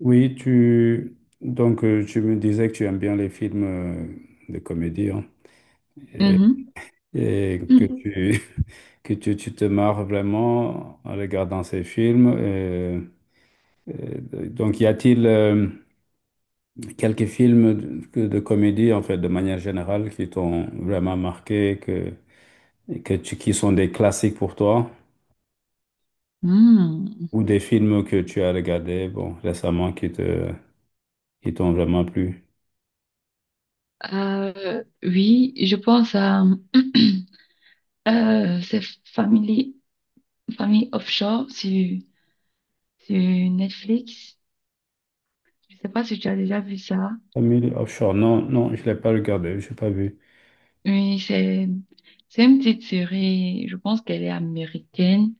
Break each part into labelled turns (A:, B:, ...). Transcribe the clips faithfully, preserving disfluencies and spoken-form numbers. A: Oui, tu donc euh, tu me disais que tu aimes bien les films euh, de comédie hein, et,
B: Mhm.
A: et que
B: Mhm.
A: tu que tu, tu te marres vraiment en regardant ces films. Euh, euh, donc y a-t-il euh, quelques films de, que- de comédie en fait de manière générale qui t'ont vraiment marqué que et que tu, qui sont des classiques pour toi,
B: Mhm.
A: ou des films que tu as regardés bon récemment qui te qui t'ont vraiment plu?
B: Euh, oui, je pense à euh, c'est Family, Family Offshore sur, sur Netflix. Je sais pas si tu as déjà vu ça.
A: Family Offshore, non, non, je l'ai pas regardé, je n'ai pas vu.
B: Oui, c'est c'est une petite série. Je pense qu'elle est américaine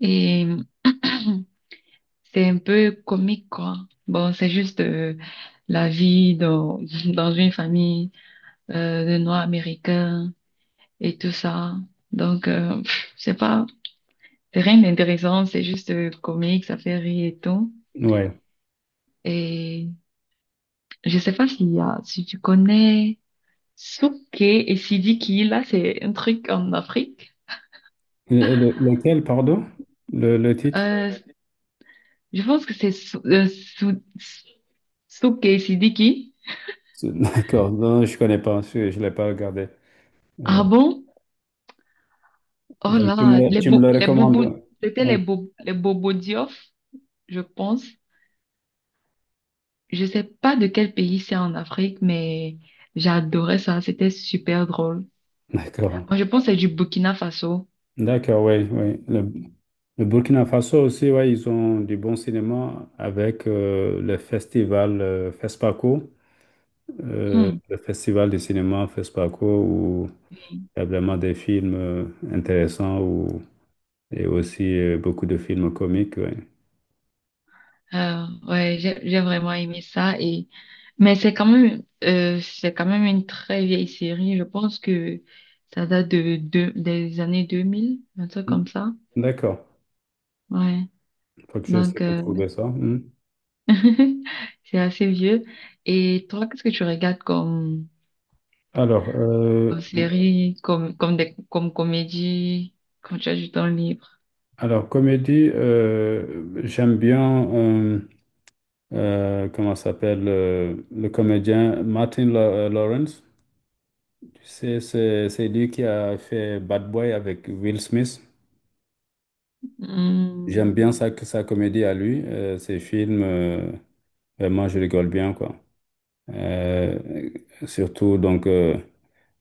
B: et c'est un peu comique quoi. Bon, c'est juste euh, la vie dans dans une famille euh, de Noirs américains. Et tout ça. Donc, euh, pff, c'est pas, c'est rien d'intéressant, c'est juste euh, comique, ça fait rire et tout.
A: Ouais.
B: Et je sais pas s'il y a, si tu connais Souké et Sidiki, là, c'est un truc en Afrique.
A: Le- le- lequel, pardon? Le, le titre?
B: Euh, je pense que c'est Sou- euh, Sou- Souké et Sidiki.
A: C'est- D'accord. Non, je connais pas. Je ne l'ai pas regardé. Euh,
B: Ah bon? Oh
A: donc, tu
B: là,
A: me, le-
B: les
A: tu me
B: bo
A: le
B: les Bobos
A: recommandes?
B: c'était
A: Ouais.
B: les bo les Bobos Diof, je pense. Je sais pas de quel pays c'est en Afrique, mais j'adorais ça, c'était super drôle.
A: D'accord.
B: Oh, je pense que c'est du Burkina Faso.
A: D'accord, oui, oui. Le, le Burkina Faso aussi, ouais, ils ont du bon cinéma avec euh, le festival euh, FESPACO, euh,
B: Hmm.
A: le festival du cinéma FESPACO, où il y a vraiment des films euh, intéressants, où, et aussi euh, beaucoup de films comiques, ouais.
B: Euh, ouais, j'ai j'ai vraiment aimé ça et mais c'est quand même euh, c'est quand même une très vieille série. Je pense que ça date de, de des années deux mille un truc comme ça.
A: D'accord.
B: Ouais.
A: Faut que
B: Donc
A: j'essaie de
B: euh,
A: trouver ça. Hmm.
B: c'est assez vieux. Et toi, qu'est-ce que tu regardes comme,
A: Alors, euh,
B: comme série, comme comme des comme comédie quand tu as du temps libre?
A: alors comédie, euh, j'aime bien, euh, euh, comment ça s'appelle, euh, le comédien Martin Law- Lawrence. Tu sais, c'est c'est lui qui a fait Bad Boy avec Will Smith. J'aime bien
B: Hmm.
A: sa, sa comédie à lui, euh, ses films, euh, vraiment, je rigole bien, quoi. Euh, Surtout, donc, euh,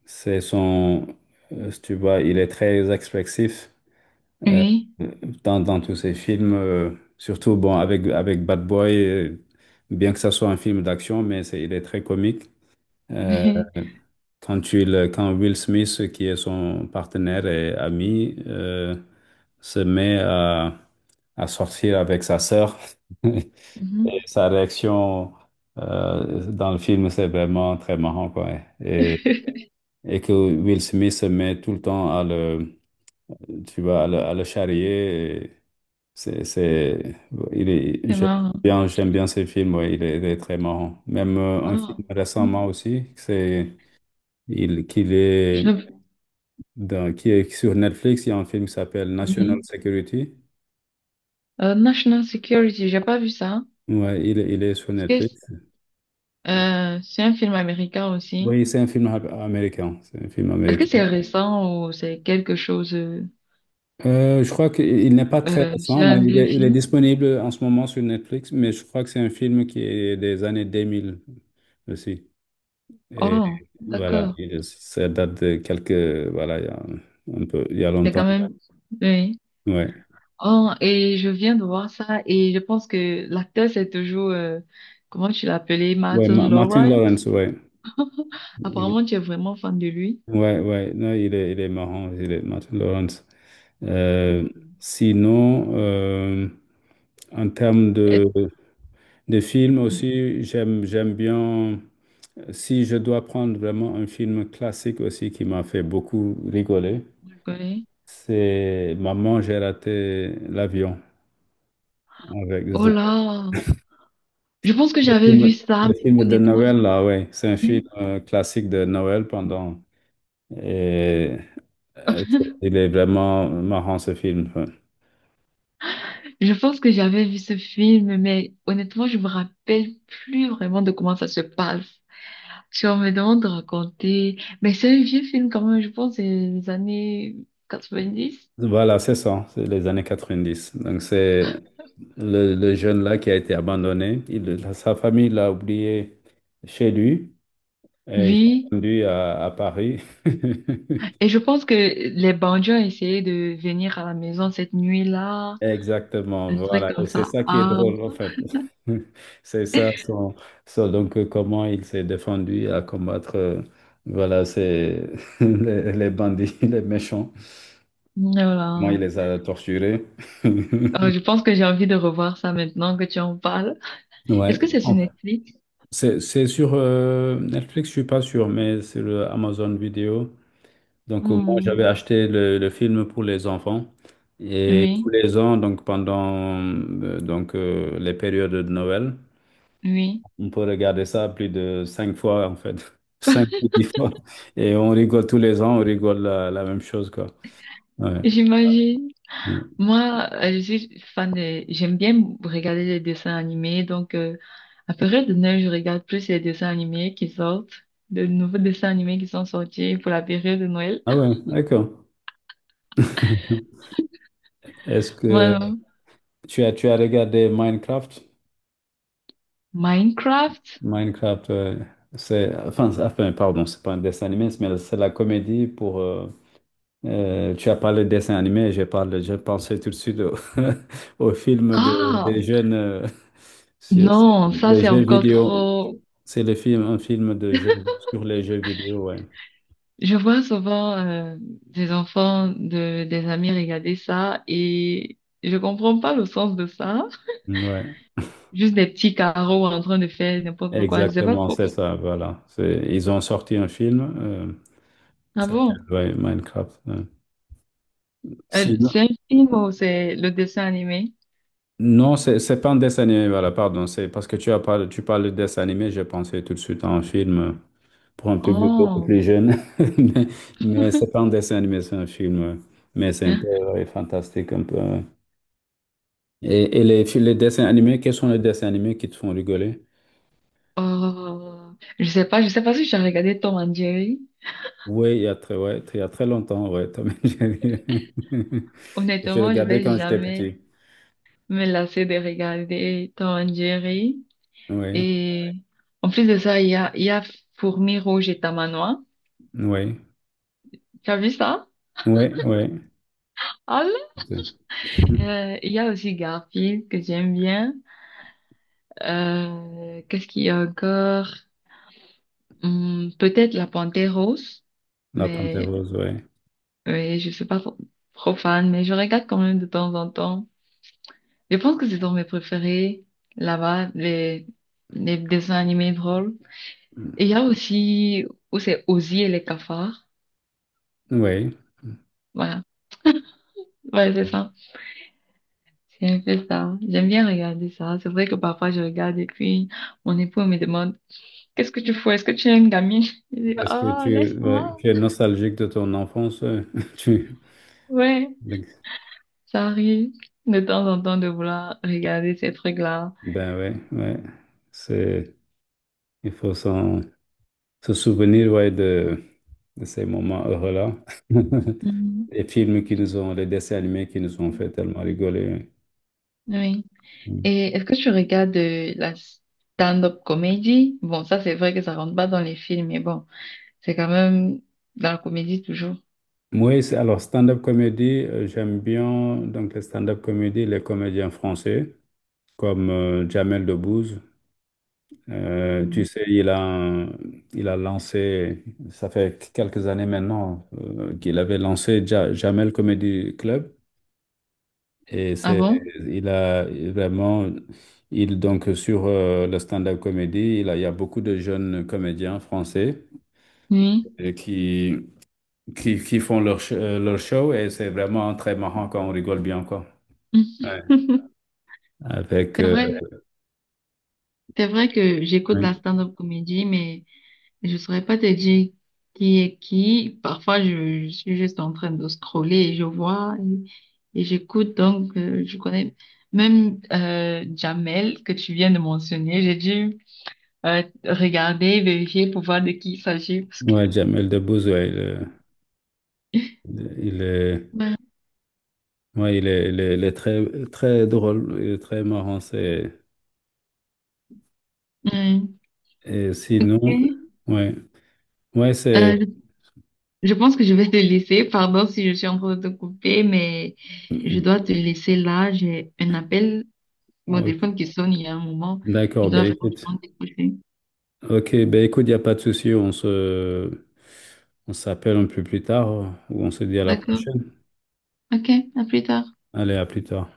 A: c'est son, euh, si tu vois, il est très expressif. euh,
B: Oui.
A: Dans, dans tous ces films, euh, surtout bon, avec, avec Bad Boy, euh, bien que ça soit un film d'action, mais c'est, il est très comique. Euh, quand, il, quand Will Smith, qui est son partenaire et ami, euh, se met à, à sortir avec sa sœur, et
B: Mhm.
A: sa réaction euh, dans le film, c'est vraiment très marrant, quoi. Et, et que Will Smith se met tout le temps à le, tu vois, à le, à le charrier. C'est, c'est, il est,
B: C'est
A: j'aime
B: marrant.
A: bien, J'aime bien ce film, ouais, il est, il est très marrant. Même euh, un film
B: Ah,
A: récemment
B: mhm.
A: aussi, c'est, il, qu'il est
B: j'avais-
A: dans, qui est sur Netflix. Il y a un film qui s'appelle National
B: oui.
A: Security.
B: Euh, National Security, j'ai pas vu ça.
A: Ouais, il, est- il est sur
B: Est-ce que
A: Netflix.
B: euh, c'est un film américain aussi?
A: Oui, c'est un film am- américain. C'est un film
B: Est-ce que
A: américain.
B: c'est récent ou c'est quelque chose... euh,
A: Euh, je crois qu'il n'est pas très
B: euh, c'est
A: récent, mais
B: un
A: il
B: vieux
A: est, il est
B: film?
A: disponible en ce moment sur Netflix, mais je crois que c'est un film qui est des années deux mille aussi. Et
B: Oh,
A: voilà,
B: d'accord.
A: et ça date de quelques, voilà, il y a un peu, il y a
B: C'est
A: longtemps.
B: quand même... Oui.
A: Ouais.
B: Oh, et je viens de voir ça et je pense que l'acteur, c'est toujours... euh, comment tu l'appelais?
A: Ouais,
B: Martin
A: Ma- Martin
B: Lawrence?
A: Lawrence, ouais. Il est-
B: Apparemment, tu es vraiment fan de lui.
A: ouais, ouais, non, il est, il est marrant, il est Martin Lawrence. Euh,
B: Mhm.
A: Sinon, euh, en termes de,
B: Est-ce-
A: de films
B: Je
A: aussi, j'aime, j'aime bien, si je dois prendre vraiment un film classique aussi qui m'a fait beaucoup rigoler,
B: le connais.
A: c'est Maman, j'ai raté l'avion avec.
B: Oh là! Je pense que
A: Le
B: j'avais vu
A: film,
B: ça,
A: le
B: mais
A: film de
B: honnêtement, je
A: Noël, là, ouais, c'est un film euh, classique de Noël pendant. Et euh, c'est- il est vraiment marrant ce film, ouais.
B: je pense que j'avais vu ce film, mais honnêtement, je me rappelle plus vraiment de comment ça se passe. Si on me demande de raconter, mais c'est un vieux film quand même, je pense, c'est les années quatre-vingt-dix.
A: Voilà, c'est ça, c'est les années quatre-vingt-dix. Donc c'est le, le jeune là qui a été abandonné. Il- sa famille l'a oublié chez lui et il est
B: Oui.
A: rendu à, à Paris.
B: Et je pense que les bandits ont essayé de venir à la maison cette nuit-là,
A: Exactement,
B: un truc
A: voilà.
B: comme
A: Et c'est
B: ça.
A: ça qui est
B: Ah,
A: drôle, en fait. C'est ça, son, son- donc, euh, comment il s'est défendu à combattre, euh, voilà, c'est les, les bandits, les méchants. Moi,
B: voilà.
A: il les a torturés.
B: Euh, je pense que j'ai envie de revoir ça maintenant que tu en parles. Est-ce
A: Ouais.
B: que c'est sur
A: En-
B: Netflix?
A: C'est, c'est sur euh, Netflix, je suis pas sûr, mais c'est le Amazon Vidéo. Donc, euh, moi, j'avais
B: Hmm.
A: acheté le, le film pour les enfants. Et tous
B: Oui,
A: les ans, donc, pendant euh, donc, euh, les périodes de Noël,
B: oui.
A: On peut regarder ça plus de cinq fois, en fait. Cinq ou dix fois. Et on rigole tous les ans, on rigole la, la même chose, quoi. Ouais.
B: J'imagine. Moi, euh, je suis fan des... J'aime bien regarder les dessins animés. Donc, euh, à période de Noël, je regarde plus les dessins animés qui sortent, de nouveaux dessins animés qui sont sortis pour la période de Noël.
A: Ah ouais, d'accord. Est-ce que
B: Voilà.
A: tu as, tu as regardé Minecraft?
B: Minecraft?
A: Minecraft, euh, c'est... Enfin, c'est- enfin, pardon, c'est pas un dessin animé, mais c'est la comédie pour. Euh, euh, tu as parlé de dessin animé, j'ai parlé, j'ai pensé tout de suite au, au film des, des
B: Ah!
A: jeunes, euh, sur-
B: Non, ça,
A: les
B: c'est
A: jeux
B: encore
A: vidéo.
B: trop...
A: C'est le film, un film de jeu, sur les jeux vidéo, ouais.
B: Je vois souvent euh, des enfants de des amis regarder ça et je comprends pas le sens de ça.
A: Ouais,
B: Juste des petits carreaux en train de faire n'importe quoi, je sais pas
A: exactement,
B: trop.
A: c'est ça, voilà. C'est, ils ont sorti un film, euh,
B: Ah
A: ça s'appelle
B: bon?
A: ouais, Minecraft, ouais.
B: Euh, c'est
A: Sinon-
B: un film ou c'est le dessin animé?
A: non, c'est c'est pas un dessin animé, voilà, pardon. C'est parce que tu as parlé, tu parles de dessin animé, j'ai pensé tout de suite à un film euh, pour un public beaucoup
B: Oh,
A: plus jeune. Mais, mais, c'est pas un dessin animé, c'est un film, ouais. Mais c'est un peu
B: hein?
A: ouais, fantastique, un peu, ouais. Et, et les, fi- les dessins animés, quels sont les dessins animés qui te font rigoler?
B: Oh, je sais pas, je sais pas si j'ai regardé Tom and Jerry.
A: Oui, il y a très, ouais, très- il y a très longtemps, ouais. Tom et Jerry. Je C'est vrai,
B: Honnêtement, je
A: regardais
B: vais
A: quand j'étais
B: jamais
A: petit.
B: me lasser de regarder Tom and Jerry.
A: Oui,
B: Et en plus de ça, il y a, il y a Fourmi Rouge et Tamanois.
A: oui,
B: Tu as vu ça?
A: oui, oui.
B: Ah là. Euh, il y a aussi Garfield que j'aime bien. Euh, qu'est-ce qu'il y a encore? Hum, peut-être La Panthère Rose,
A: La Panthère
B: mais
A: Rose, oui.
B: Oui, je suis pas trop trop fan, mais je regarde quand même de temps en temps. Je pense que c'est dans mes préférés, là-bas, les, les dessins animés drôles. Et il y a aussi où c'est Ozzy et les cafards.
A: Oui.
B: Voilà. Ouais, c'est ça. C'est un peu ça. J'aime bien regarder ça. C'est vrai que parfois je regarde et puis mon époux me demande, qu'est-ce que tu fais? Est-ce que tu es une gamine? Je dis,
A: Est-ce que
B: oh,
A: tu, ouais,
B: laisse-moi.
A: tu es nostalgique de ton enfance? euh, Tu,
B: Ouais, ça arrive de temps en temps de vouloir regarder ces trucs-là.
A: ben ouais, ouais. C'est, il faut s'en, se souvenir, ouais, de, de ces moments heureux-là.
B: Mhm.
A: Les films qui nous ont, les dessins animés qui nous ont fait tellement rigoler.
B: Oui. Et est-ce que tu regardes euh, la stand-up comédie? Bon, ça c'est vrai que ça rentre pas dans les films, mais bon, c'est quand même dans la comédie toujours.
A: Oui, c'est- alors stand-up comédie, euh, j'aime bien donc les stand-up comédies, les comédiens français comme euh, Jamel Debbouze. Euh, tu
B: Mm.
A: sais, il a, un- il a lancé, ça fait quelques années maintenant euh, qu'il avait lancé Ja- Jamel Comedy Club, et
B: Ah
A: c'est,
B: bon?
A: il a vraiment, il donc sur euh, le stand-up comédie, il a- il y a beaucoup de jeunes comédiens français
B: Oui.
A: et qui, qui, qui font leur, sh- euh, leur show, et c'est vraiment très marrant, quand on rigole bien, quoi. Ouais. avec
B: C'est
A: euh,
B: vrai, c'est vrai que j'écoute la stand-up comédie, mais je saurais pas te dire qui est qui. Parfois, je, je suis juste en train de scroller et je vois et, et j'écoute. Donc, euh, je connais même euh, Jamel que tu viens de mentionner. J'ai dû euh, regarder, vérifier pour voir de qui il s'agit. Parce que...
A: Ouais, Jamel Debbouze, ouais. il, est, il est-
B: Ouais.
A: ouais, il est, il est- il est très, très drôle, il est très marrant. C'est,
B: Ouais.
A: et
B: Ok.
A: sinon, ouais, ouais, c'est.
B: Euh, je je pense que je vais te laisser. Pardon si je suis en train de te couper, mais je dois te laisser là. J'ai un appel, mon
A: Ok,
B: téléphone qui sonne il y a un moment.
A: d'accord,
B: Je
A: ben
B: dois
A: écoute.
B: franchement décrocher.
A: Ok, ben écoute, il n'y a pas de souci. On se, on s'appelle un peu plus tard, ou on se dit à la
B: D'accord.
A: prochaine.
B: Ok, à plus tard.
A: Allez, à plus tard.